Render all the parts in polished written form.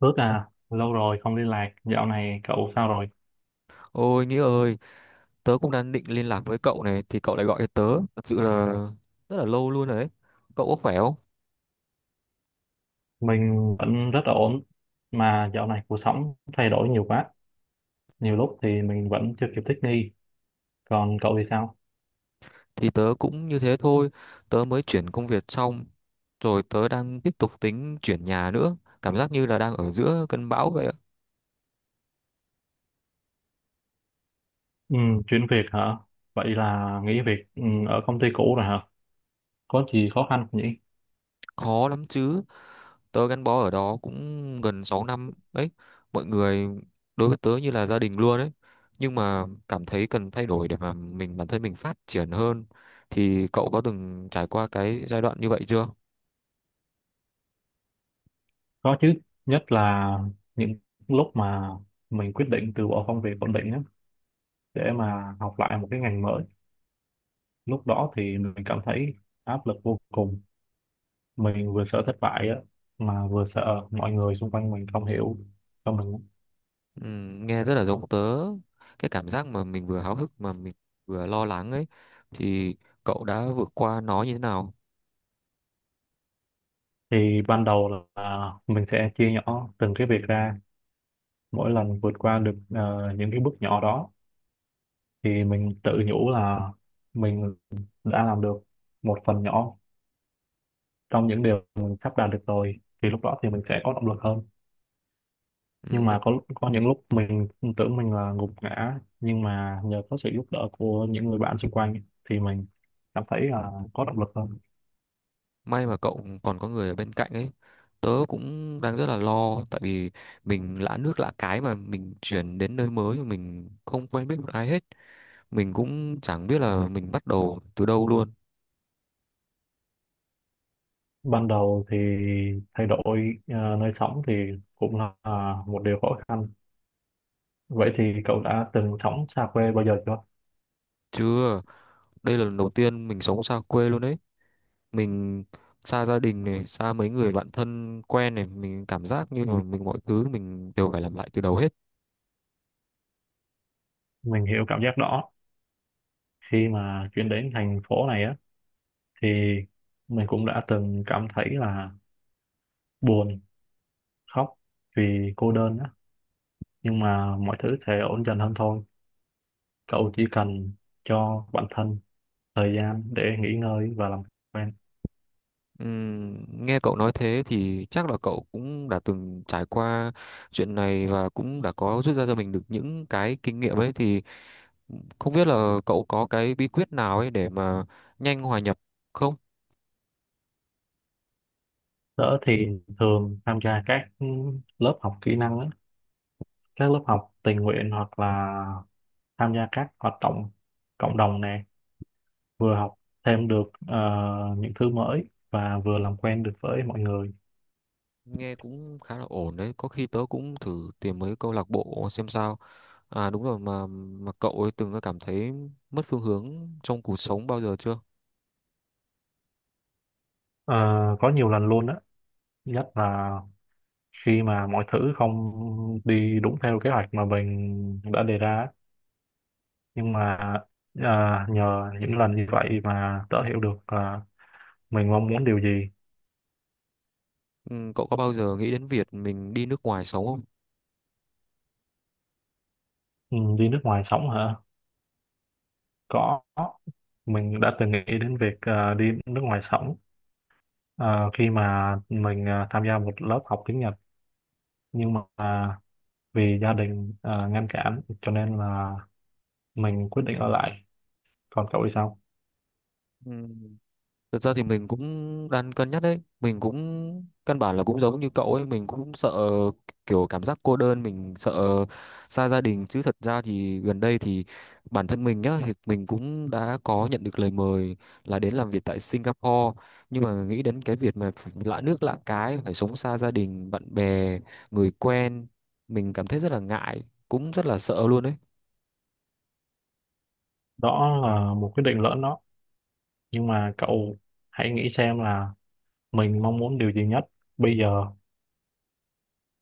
Lâu rồi không liên lạc, dạo này cậu sao rồi? Ôi Nghĩa ơi, tớ cũng đang định liên lạc với cậu này thì cậu lại gọi cho tớ, thật sự là rất là lâu luôn rồi đấy. Cậu có khỏe không? Mình vẫn rất là ổn, mà dạo này cuộc sống thay đổi nhiều quá, nhiều lúc thì mình vẫn chưa kịp thích nghi. Còn cậu thì sao? Thì tớ cũng như thế thôi, tớ mới chuyển công việc xong, rồi tớ đang tiếp tục tính chuyển nhà nữa, cảm giác như là đang ở giữa cơn bão vậy ạ. Ừ, chuyển việc hả? Vậy là nghỉ việc ở công ty cũ rồi hả? Có gì khó khăn không nhỉ? Khó lắm chứ. Tớ gắn bó ở đó cũng gần 6 năm đấy, mọi người đối với tớ như là gia đình luôn đấy. Nhưng mà cảm thấy cần thay đổi để mà mình bản thân mình phát triển hơn. Thì cậu có từng trải qua cái giai đoạn như vậy chưa? Có chứ, nhất là những lúc mà mình quyết định từ bỏ công việc ổn định á, để mà học lại một cái ngành mới. Lúc đó thì mình cảm thấy áp lực vô cùng, mình vừa sợ thất bại á mà vừa sợ mọi người xung quanh mình không hiểu cho mình. Ừ, nghe rất là giống tớ, cái cảm giác mà mình vừa háo hức mà mình vừa lo lắng ấy, thì cậu đã vượt qua nó như thế nào? Thì ban đầu là mình sẽ chia nhỏ từng cái việc ra, mỗi lần vượt qua được những cái bước nhỏ đó thì mình tự nhủ là mình đã làm được một phần nhỏ trong những điều mình sắp đạt được rồi, thì lúc đó thì mình sẽ có động lực hơn. Ừ, Nhưng may, mà có những lúc mình tưởng mình là gục ngã, nhưng mà nhờ có sự giúp đỡ của những người bạn xung quanh thì mình cảm thấy là có động lực hơn. may mà cậu còn có người ở bên cạnh ấy. Tớ cũng đang rất là lo, tại vì mình lạ nước lạ cái mà mình chuyển đến nơi mới, mà mình không quen biết một ai hết. Mình cũng chẳng biết là mình bắt đầu từ đâu luôn. Ban đầu thì thay đổi nơi sống thì cũng là một điều khó khăn. Vậy thì cậu đã từng sống xa quê bao giờ chưa? Chưa, đây là lần đầu tiên mình sống xa quê luôn đấy. Mình xa gia đình này, xa mấy người bạn thân quen này, mình cảm giác như là mọi thứ mình đều phải làm lại từ đầu hết. Mình hiểu cảm giác đó, khi mà chuyển đến thành phố này á thì mình cũng đã từng cảm thấy là buồn, khóc vì cô đơn á, nhưng mà mọi thứ sẽ ổn dần hơn thôi. Cậu chỉ cần cho bản thân thời gian để nghỉ ngơi và làm quen. Nghe cậu nói thế thì chắc là cậu cũng đã từng trải qua chuyện này, và cũng đã có rút ra cho mình được những cái kinh nghiệm ấy, thì không biết là cậu có cái bí quyết nào ấy để mà nhanh hòa nhập không? Tớ thì thường tham gia các lớp học kỹ năng á, các lớp học tình nguyện hoặc là tham gia các hoạt động cộng đồng nè, vừa học thêm được những thứ mới và vừa làm quen được với mọi người. Nghe cũng khá là ổn đấy, có khi tớ cũng thử tìm mấy câu lạc bộ xem sao. À đúng rồi, mà cậu ấy từng cảm thấy mất phương hướng trong cuộc sống bao giờ chưa? Ờ, có nhiều lần luôn á, nhất là khi mà mọi thứ không đi đúng theo kế hoạch mà mình đã đề ra á. Nhưng mà ờ, nhờ những lần như vậy mà tớ hiểu được là mình mong muốn điều gì. Ừ, cậu có bao giờ nghĩ đến việc mình đi nước ngoài sống không? Ừ, đi nước ngoài sống hả, có, mình đã từng nghĩ đến việc đi nước ngoài sống. Ờ, khi mà mình tham gia một lớp học tiếng Nhật, nhưng mà vì gia đình ngăn cản cho nên là mình quyết định ở lại. Còn cậu thì sao? Ừ, thực ra thì mình cũng đang cân nhắc đấy. Mình cũng căn bản là cũng giống như cậu ấy. Mình cũng sợ kiểu cảm giác cô đơn. Mình sợ xa gia đình. Chứ thật ra thì gần đây thì bản thân mình nhá, thì mình cũng đã có nhận được lời mời là đến làm việc tại Singapore. Nhưng mà nghĩ đến cái việc mà phải lạ nước lạ cái, phải sống xa gia đình, bạn bè, người quen, mình cảm thấy rất là ngại, cũng rất là sợ luôn đấy. Đó là một quyết định lỡ đó. Nhưng mà cậu hãy nghĩ xem là mình mong muốn điều gì nhất bây giờ,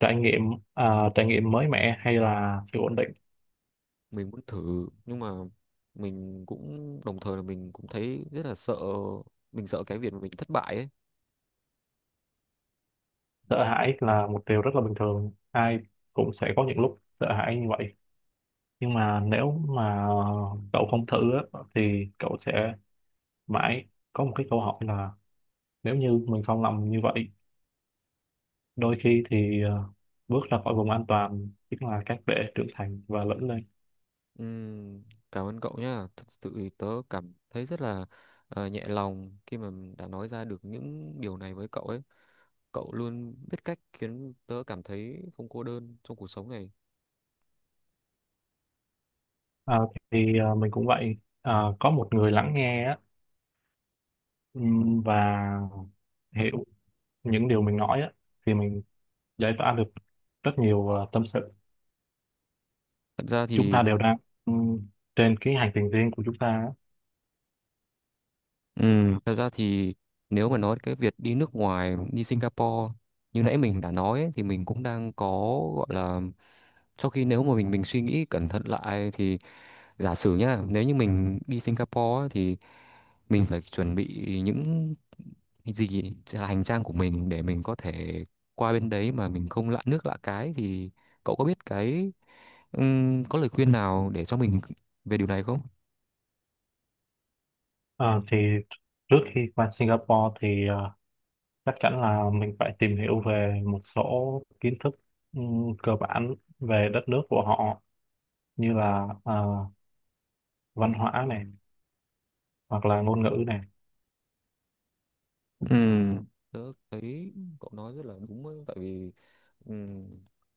trải nghiệm trải nghiệm mới mẻ hay là sự ổn định. Mình muốn thử, nhưng mà mình cũng đồng thời là mình cũng thấy rất là sợ, mình sợ cái việc mà mình thất bại ấy. Sợ hãi là một điều rất là bình thường. Ai cũng sẽ có những lúc sợ hãi như vậy. Nhưng mà nếu mà cậu không thử á, thì cậu sẽ mãi có một cái câu hỏi là nếu như mình không làm như vậy. Đôi khi thì bước ra khỏi vùng an toàn chính là cách để trưởng thành và lớn lên. Ừm, Cảm ơn cậu nhá, thực sự thì tớ cảm thấy rất là nhẹ lòng khi mà đã nói ra được những điều này với cậu ấy. Cậu luôn biết cách khiến tớ cảm thấy không cô đơn trong cuộc sống này. Ờ, thì mình cũng vậy. Ờ, có một người lắng nghe á, và hiểu những điều mình nói á, thì mình giải tỏa được rất nhiều tâm sự. Thật ra Chúng thì ta đều đang ừm, trên cái hành trình riêng của chúng ta á. Thật ra thì nếu mà nói cái việc đi nước ngoài, đi Singapore như nãy mình đã nói ấy, thì mình cũng đang có, gọi là, sau khi nếu mà mình suy nghĩ cẩn thận lại thì giả sử nhá, nếu như mình đi Singapore á, thì mình phải chuẩn bị những gì là hành trang của mình để mình có thể qua bên đấy mà mình không lạ nước lạ cái, thì cậu có biết cái, có lời khuyên nào để cho mình về điều này không? Ờ, thì trước khi qua Singapore thì chắc chắn là mình phải tìm hiểu về một số kiến thức cơ bản về đất nước của họ, như là văn hóa này hoặc là ngôn ngữ này. Ừm, Tớ thấy cậu nói rất là đúng ấy, tại vì, Ừm,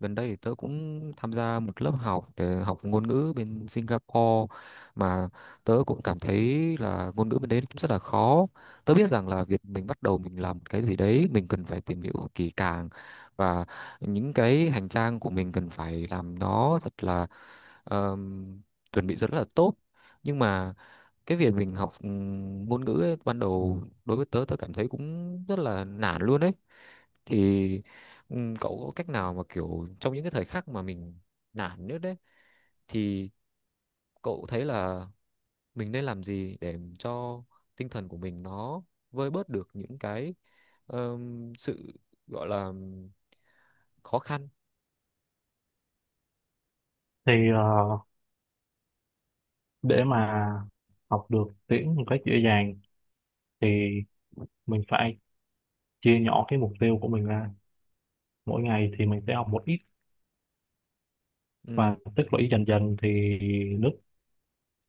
gần đây thì tớ cũng tham gia một lớp học để học ngôn ngữ bên Singapore, mà tớ cũng cảm thấy là ngôn ngữ bên đấy cũng rất là khó. Tớ biết rằng là việc mình bắt đầu mình làm cái gì đấy mình cần phải tìm hiểu kỹ càng, và những cái hành trang của mình cần phải làm nó thật là, ờm, chuẩn bị rất là tốt. Nhưng mà cái việc mình học, ngôn ngữ ấy, ban đầu đối với tớ, tớ cảm thấy cũng rất là nản luôn đấy. Thì cậu có cách nào mà kiểu trong những cái thời khắc mà mình nản nhất đấy thì cậu thấy là mình nên làm gì để cho tinh thần của mình nó vơi bớt được những cái, sự, gọi là, khó khăn? Thì để mà học được tiếng một cách dễ dàng thì mình phải chia nhỏ cái mục tiêu của mình ra, mỗi ngày thì mình sẽ học một ít Ừm, và tích lũy dần dần, thì nước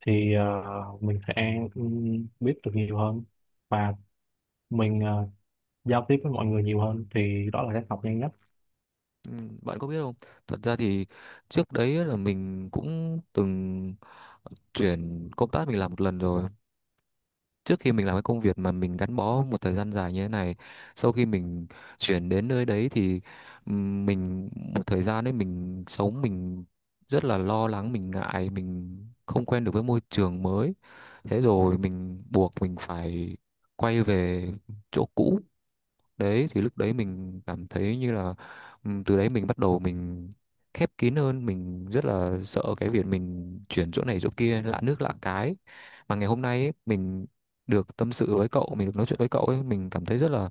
thì mình sẽ biết được nhiều hơn và mình giao tiếp với mọi người nhiều hơn, thì đó là cách học nhanh nhất. Bạn có biết không, thật ra thì trước đấy là mình cũng từng chuyển công tác, mình làm một lần rồi, trước khi mình làm cái công việc mà mình gắn bó một thời gian dài như thế này. Sau khi mình chuyển đến nơi đấy thì mình một thời gian đấy mình sống, mình rất là lo lắng, mình ngại, mình không quen được với môi trường mới. Thế rồi mình buộc mình phải quay về chỗ cũ. Đấy thì lúc đấy mình cảm thấy như là, từ đấy mình bắt đầu mình khép kín hơn, mình rất là sợ cái việc mình chuyển chỗ này chỗ kia lạ nước lạ cái. Mà ngày hôm nay ấy, mình được tâm sự với cậu, mình được nói chuyện với cậu ấy, mình cảm thấy rất là,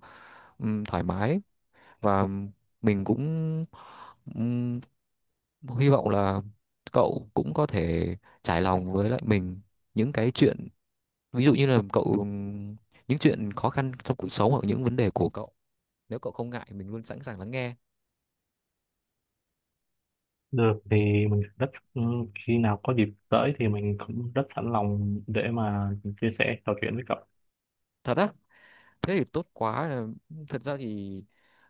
thoải mái. Và mình cũng, ừm, hy vọng là cậu cũng có thể trải lòng với lại mình những cái chuyện, ví dụ như là cậu, những chuyện khó khăn trong cuộc sống, hoặc những vấn đề của cậu. Nếu cậu không ngại, mình luôn sẵn sàng lắng nghe. Được, thì mình rất ừ, khi nào có dịp tới thì mình cũng rất sẵn lòng để mà chia sẻ trò chuyện với cậu. Thật á? Thế thì tốt quá. Thật ra thì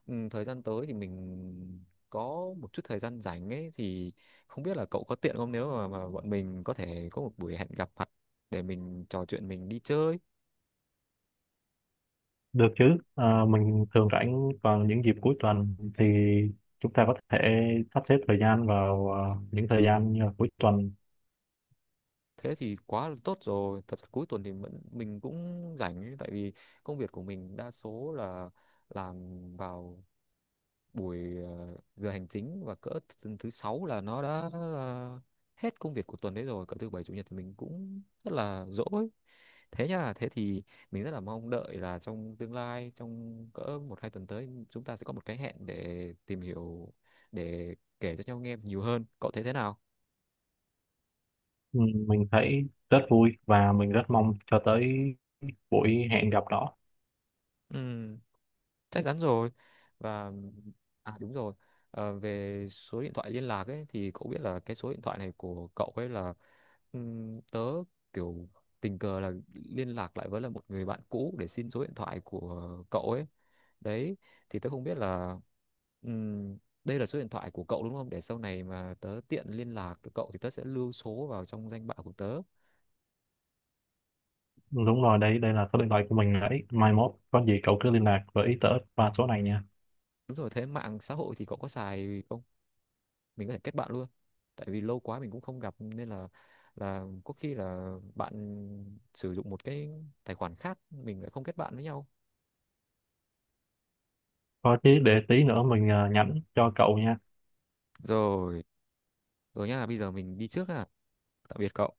thời gian tới thì mình có một chút thời gian rảnh ấy, thì không biết là cậu có tiện không, nếu mà, bọn mình có thể có một buổi hẹn gặp mặt để mình trò chuyện, mình đi chơi. Được chứ. Ờ, mình thường rảnh vào những dịp cuối tuần, thì chúng ta có thể sắp xếp thời gian vào những thời gian như là cuối tuần. Thế thì quá là tốt rồi, thật ra cuối tuần thì mình cũng rảnh ấy, tại vì công việc của mình đa số là làm vào buổi giờ hành chính, và cỡ thứ sáu là nó đã hết công việc của tuần đấy rồi, cỡ thứ bảy chủ nhật thì mình cũng rất là rỗi. Thế nha, thế thì mình rất là mong đợi là trong tương lai, trong cỡ một hai tuần tới chúng ta sẽ có một cái hẹn để tìm hiểu, để kể cho nhau nghe nhiều hơn. Cậu thấy thế nào? Ừ, mình thấy rất vui và mình rất mong cho tới buổi hẹn gặp đó. Ừ, chắc chắn rồi. Và à đúng rồi, về số điện thoại liên lạc ấy thì cậu biết là cái số điện thoại này của cậu ấy là, tớ kiểu tình cờ là liên lạc lại với là một người bạn cũ để xin số điện thoại của cậu ấy đấy, thì tớ không biết là, ừm, đây là số điện thoại của cậu đúng không, để sau này mà tớ tiện liên lạc với cậu thì tớ sẽ lưu số vào trong danh bạ của tớ. Đúng rồi, đấy, đây là số điện thoại của mình đấy. Mai mốt có gì cậu cứ liên lạc với tớ qua số này nha. Đúng rồi, thế mạng xã hội thì cậu có xài không? Mình có thể kết bạn luôn, tại vì lâu quá mình cũng không gặp, nên là có khi là bạn sử dụng một cái tài khoản khác, mình lại không kết bạn với nhau. Có chứ, để tí nữa mình nhắn cho cậu nha. Rồi, rồi nhá, bây giờ mình đi trước. À, tạm biệt cậu.